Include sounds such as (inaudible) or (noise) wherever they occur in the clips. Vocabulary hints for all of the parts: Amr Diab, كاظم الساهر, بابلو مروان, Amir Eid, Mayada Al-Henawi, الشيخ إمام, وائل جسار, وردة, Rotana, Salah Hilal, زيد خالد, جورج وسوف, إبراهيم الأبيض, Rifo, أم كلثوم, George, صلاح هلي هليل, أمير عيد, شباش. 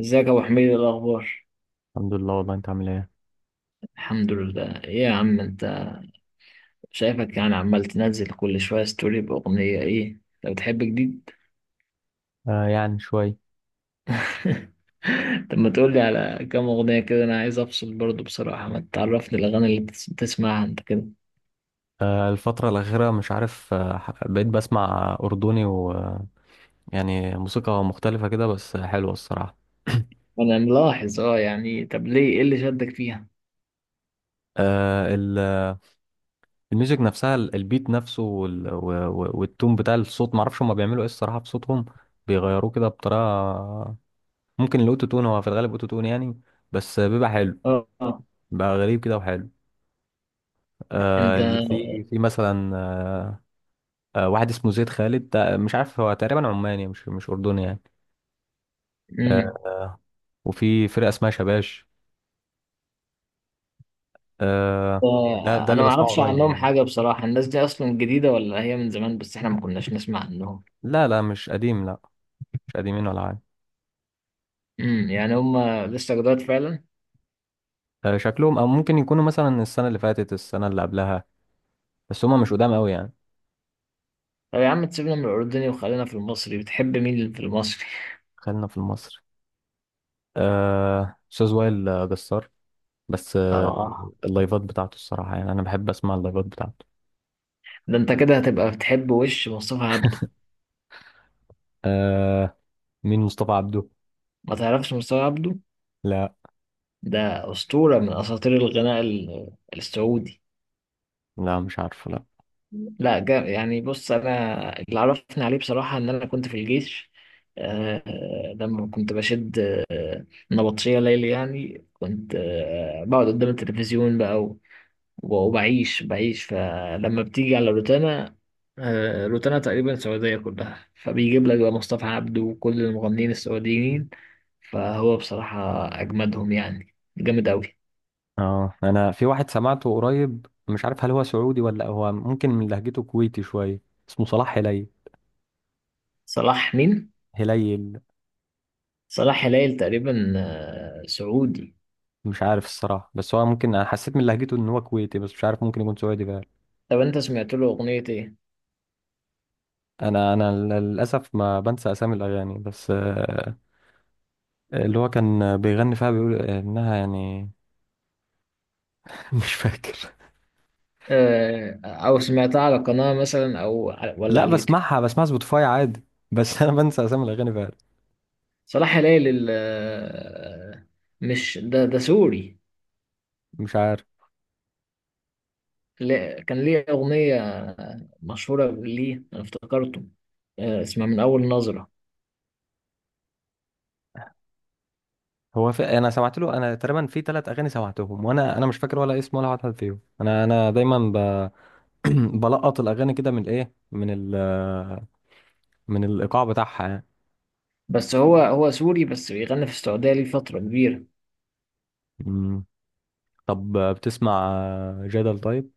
ازيك يا ابو حميد، إيه الاخبار؟ الحمد لله، والله انت عامل ايه؟ الحمد لله، ايه يا عم انت؟ شايفك يعني عمال تنزل كل شويه ستوري باغنيه، ايه لو بتحب جديد؟ يعني شوي. (laughs) طب ما تقول لي على كام اغنيه كده، انا عايز افصل برضو بصراحه، ما تعرفني الاغاني اللي بتسمعها انت كده. الفترة الأخيرة مش عارف، بقيت بسمع أردني ويعني موسيقى مختلفة كده، بس حلوة الصراحة. انا ملاحظ، يعني، طب ليه؟ ايه اللي شدك فيها؟ آه ال- الميوزك نفسها، البيت نفسه، والتون بتاع الصوت، معرفش هما بيعملوا ايه الصراحة في صوتهم، بيغيروه كده بطريقة. ممكن الأوتو تون، هو في الغالب أوتو تون يعني. بس بيبقى حلو، اه، آه. بقى غريب كده وحلو. انت. اللي في مثلا، واحد اسمه زيد خالد، ده مش عارف، هو تقريبا عماني، مش أردني يعني. آه. امم. وفي فرقة اسمها شباش. آه. ده انا اللي ما بسمعه اعرفش قريب عنهم يعني. حاجه بصراحه، الناس دي اصلا جديده ولا هي من زمان بس احنا ما كناش نسمع عنهم؟ لا، لا، مش قديم، لا. مش قديمين ولا حاجة. يعني هم لسه جداد فعلا. شكلهم، أو ممكن يكونوا مثلا السنة اللي فاتت، السنة اللي قبلها. بس هما مش قدام قوي يعني. طب يا عم، تسيبنا من الأردني وخلينا في المصري، بتحب مين في المصري؟ خلينا في المصري. أستاذ وائل جسار. بس آه، اللايفات بتاعته الصراحة، يعني أنا بحب أسمع اللايفات بتاعته. ده أنت كده هتبقى بتحب وش مصطفى عبده. آه مين مصطفى عبده؟ ما تعرفش مصطفى عبده؟ لا، ده أسطورة من أساطير الغناء السعودي. لا، مش عارفه، لا. لا، جا يعني، بص، أنا اللي عرفني عليه بصراحة إن أنا كنت في الجيش. آه، لما كنت بشد نبطشية ليلي، يعني كنت بقعد قدام التلفزيون بقى، وبعيش فلما بتيجي على روتانا. روتانا تقريبا السعودية كلها، فبيجيب لك بقى مصطفى عبده وكل المغنيين السعوديين. فهو بصراحة أجمدهم، يعني جامد أوي. اه أنا في واحد سمعته قريب، مش عارف هل هو سعودي ولا هو، ممكن من لهجته كويتي شوية. اسمه صلاح هلي. صلاح مين؟ هليل. صلاح هلال تقريبا، سعودي. مش عارف الصراحة، بس هو ممكن أنا حسيت من لهجته إن هو كويتي، بس مش عارف، ممكن يكون سعودي بقى. طب أنت سمعت له أغنية إيه؟ أنا للأسف ما بنسى أسامي الأغاني، بس اللي هو كان بيغني فيها بيقول إنها يعني (laughs) مش فاكر. آه، أو سمعتها على قناة مثلا، ولا لا، على اليوتيوب؟ بسمعها سبوتيفاي عادي. بس أنا بنسى أسامي الأغاني فعلا. صلاح هلال مش ده سوري. مش عارف، كان ليه أغنية مشهورة، ليه أنا افتكرته. اسمها من أول نظرة. أنا سمعت له، أنا تقريبا في ثلاث أغاني سمعتهم، وأنا مش فاكر ولا اسم ولا واحد فيهم، أنا دايما (clears throat) بلقط الأغاني كده، من إيه، من ال... آه، من الإيقاع بتاعها بس هو سوري بس بيغني في السعودية ليه فترة كبيرة. يعني. طب، بتسمع جدل؟ طيب،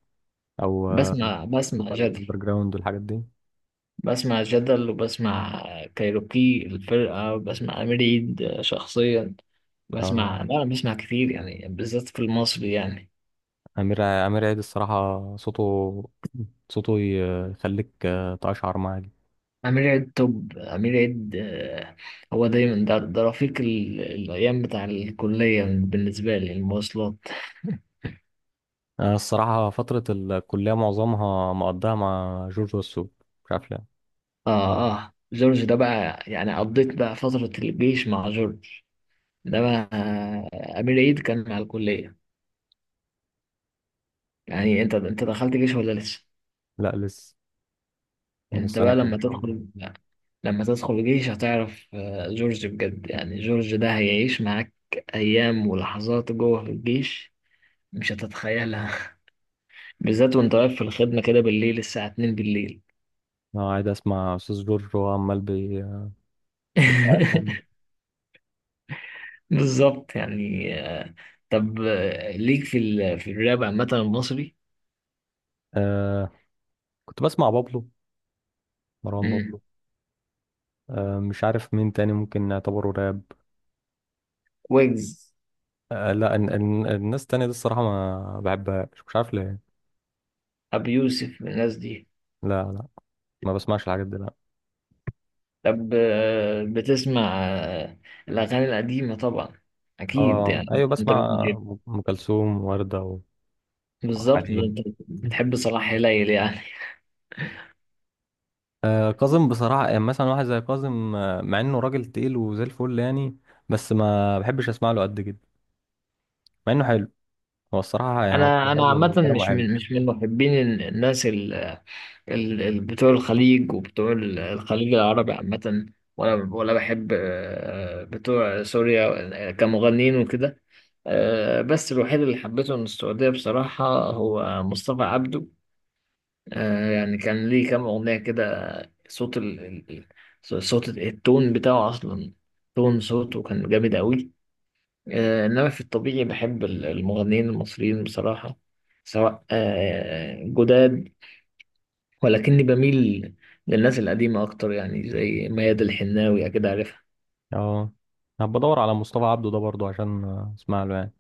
او بسمع موسيقى جدل. الاندر جراوند والحاجات دي. بسمع جدل، وبسمع كايروكي الفرقة، وبسمع أمير عيد شخصيا. اه لا، أنا بسمع كتير يعني، بالذات في المصري يعني. امير عيد الصراحه، صوته صوته يخليك تقشعر معاه جدا. أمير عيد توب، أمير عيد. هو دايما ده رفيق الأيام بتاع الكلية بالنسبة لي، المواصلات. انا الصراحه فتره الكليه معظمها مقضاها مع جورج وسوف، مش عارف ليه. اه، اه، جورج ده بقى، يعني قضيت بقى فترة الجيش مع جورج. ده بقى، أمير عيد كان مع الكلية. يعني أنت دخلت جيش ولا لسه؟ لا، لسه. أنت السنه بقى الجايه ان لما شاء الله. تدخل لما تدخل جيش هتعرف، جورج بجد. يعني جورج ده هيعيش معاك أيام ولحظات جوه في الجيش مش هتتخيلها. (laughs) بالذات وأنت واقف في الخدمة كده بالليل، الساعة 2 بالليل. انا قاعد اسمع استاذ جورج وهو عمال بيقلم. (laughs) بالظبط يعني. طب، ليك في في الراب عامة المصري؟ آه كنت بسمع بابلو، مروان بابلو. مش عارف مين تاني ممكن نعتبره راب. ويجز؟ لا، ان الناس التانية دي الصراحة ما بحبهاش، مش عارف ليه. أبي يوسف من الناس دي؟ لا، لا، ما بسمعش الحاجات دي، لا. طب، بتسمع الأغاني القديمة طبعا، أكيد اه يعني ايوه، أنت بتحب. بسمع ام كلثوم، وردة، وعبد (laughs) بالظبط، ده أنت الحليم. بتحب صلاح هلال يعني. كاظم بصراحة، يعني مثلا واحد زي كاظم، مع انه راجل تقيل وزي الفل يعني. بس ما بحبش اسمع له قد كده، مع انه حلو. هو الصراحة يعني، هو أنا صوته أنا حلو عامة، وكلامه مش حلو. من محبين الناس بتوع الخليج، وبتوع الخليج العربي عامة. ولا بحب بتوع سوريا، آه، كمغنيين وكده. آه، بس الوحيد اللي حبيته من السعودية بصراحة هو مصطفى عبده. يعني كان ليه كام أغنية كده، صوت صوت التون بتاعه أصلا، تون صوته كان جامد أوي. إنما في الطبيعي بحب المغنيين المصريين بصراحة، سواء جداد، ولكني بميل للناس القديمة أكتر، يعني زي ميادة الحناوي، أكيد عارفها. اه هبقى ادور على مصطفى عبده ده برضه، عشان اسمع له يعني.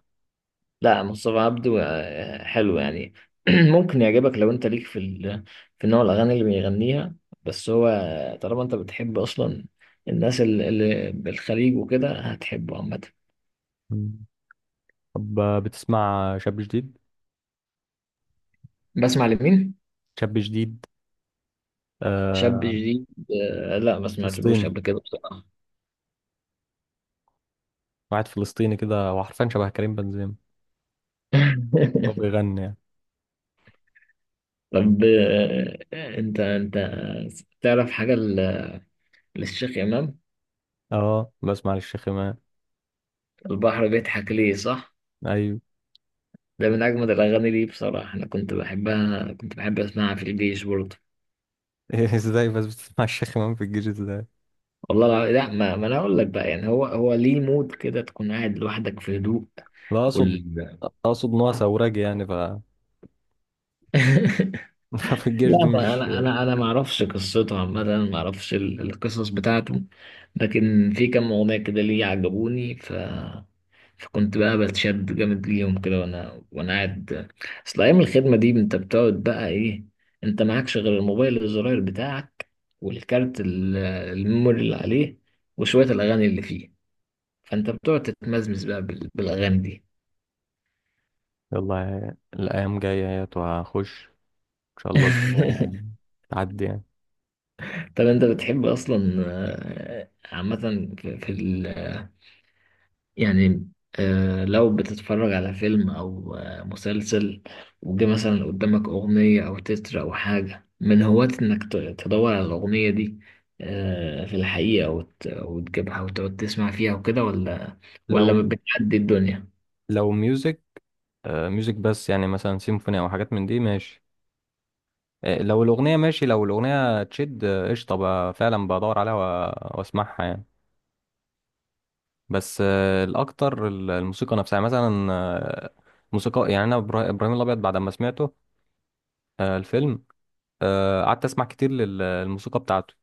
لا، مصطفى عبده حلو يعني. (clears throat) ممكن يعجبك لو انت ليك في في نوع الاغاني اللي بيغنيها. بس هو طالما انت بتحب اصلا الناس اللي بالخليج وكده، هتحبه عامه. مم. طب، بتسمع شاب جديد؟ بسمع لمين؟ شاب جديد. شاب آه. جديد؟ آه، لا، ما سمعتلوش فلسطيني، قبل كده بصراحه. واحد فلسطيني كده، هو حرفيا شبه كريم بنزيما. هو (laughs) بيغني يعني. طب، انت تعرف حاجه للشيخ امام؟ اه بسمع للشيخ إمام. البحر بيضحك ليه، صح؟ أيوة. ده من اجمد الاغاني ليه بصراحه، انا كنت بحبها، كنت بحب اسمعها في الجيش برضه. (laughs) ازاي بس بتسمع الشيخ إمام في الجيش ازاي؟ والله لا، ما انا اقول لك بقى، يعني هو ليه مود كده تكون قاعد لوحدك في هدوء لا، أقصد وال... أقصد إن هو ثورجي يعني، ف (laughs) ففي (laughs) الجيش لا، دي ما مش. انا ما اعرفش قصته عامه، ما اعرفش القصص بتاعته. لكن في كم اغنيه كده ليه عجبوني، فكنت بقى بتشد جامد ليهم كده، وانا قاعد. اصل ايام الخدمه دي، انت بتقعد بقى ايه؟ انت معكش غير الموبايل الزراير بتاعك، والكارت الميموري اللي عليه، وشويه الاغاني اللي فيه. فانت بتقعد تتمزمز بقى بالاغاني دي. يلا، الأيام جاية اهيت وهخش، إن شاء الله (laughs) الدنيا تعدي يعني. طب انت بتحب اصلا، عامه، في في ال آه، يعني، لو بتتفرج على فيلم او مسلسل، وجه مثلا قدامك اغنيه او تتر او حاجه، من هواة انك تدور على الاغنيه دي، في الحقيقه، وتجيبها وتقعد تسمع فيها وكده، ولا ولا لو بتعدي الدنيا؟ لو ميوزك، ميوزك بس، يعني مثلا سيمفوني أو حاجات من دي ماشي. لو الأغنية ماشي، لو الأغنية تشد، قشطة بقى، فعلا بدور عليها وأسمعها يعني. بس الاكتر الموسيقى نفسها، يعني مثلا موسيقى يعني، انا ابراهيم الابيض بعد ما سمعته، الفيلم، قعدت اسمع كتير للموسيقى بتاعته،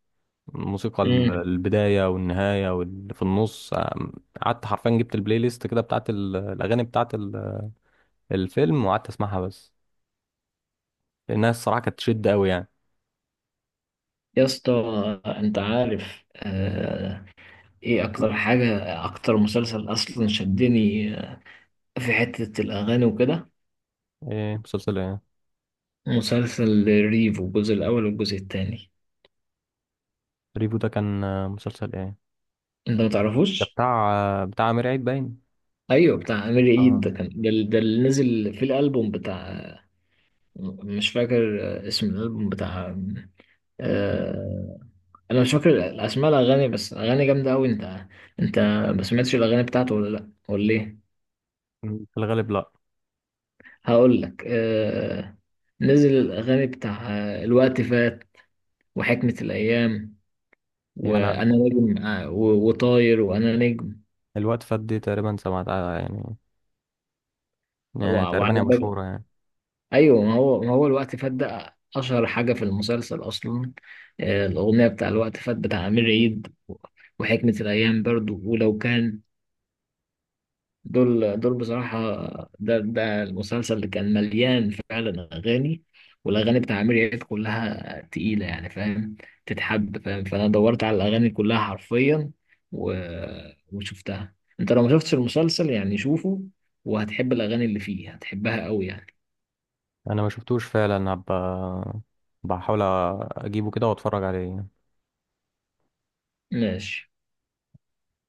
الموسيقى امم. البدايه والنهايه واللي في النص، قعدت حرفيا، جبت البلاي ليست كده بتاعت الاغاني بتاعت الفيلم، وقعدت اسمعها، بس لانها الصراحه كانت تشد قوي يعني. يا اسطى، انت عارف ايه اكتر حاجة، اكتر مسلسل اصلا شدني في حتة الاغاني وكده؟ ايه مسلسل ايه؟ مسلسل ريفو، الجزء الاول والجزء التاني. ريفو ده كان مسلسل ايه؟ انت ما ده تعرفوش؟ بتاع امير عيد باين. ايوه، بتاع امير عيد، اه ده كان ده اللي نزل في الالبوم بتاع، مش فاكر اسم الالبوم بتاع آه... انا مش فاكر اسماء الاغاني، بس اغاني جامدة قوي. انت، انت ما سمعتش الاغاني بتاعته، ولا، لا ولا ليه؟ في الغالب لا. هقول لك. نزل الاغاني بتاع الوقت فات، وحكمة الايام، يعني انا، وانا نجم، وطاير، وانا نجم، الوقت فات دي تقريبا سمعتها يعني، يعني تقريبا هي وعلى باب. مشهورة يعني. ايوه، ما هو الوقت فات ده اشهر حاجه في المسلسل اصلا، الاغنيه بتاع الوقت فات بتاع امير عيد، وحكمه الايام برضو، ولو كان، دول بصراحة. ده المسلسل اللي كان مليان فعلا أغاني، والأغاني بتاع عمرو دياب كلها تقيلة، يعني فاهم، تتحب، فاهم؟ فأنا دورت على الأغاني كلها حرفيا و... وشفتها. أنت لو ما شفتش المسلسل، يعني شوفه، وهتحب الأغاني اللي فيه، هتحبها أوي يعني. أنا ما شفتوش فعلا، هبقى بحاول أجيبه كده وأتفرج عليه. ماشي.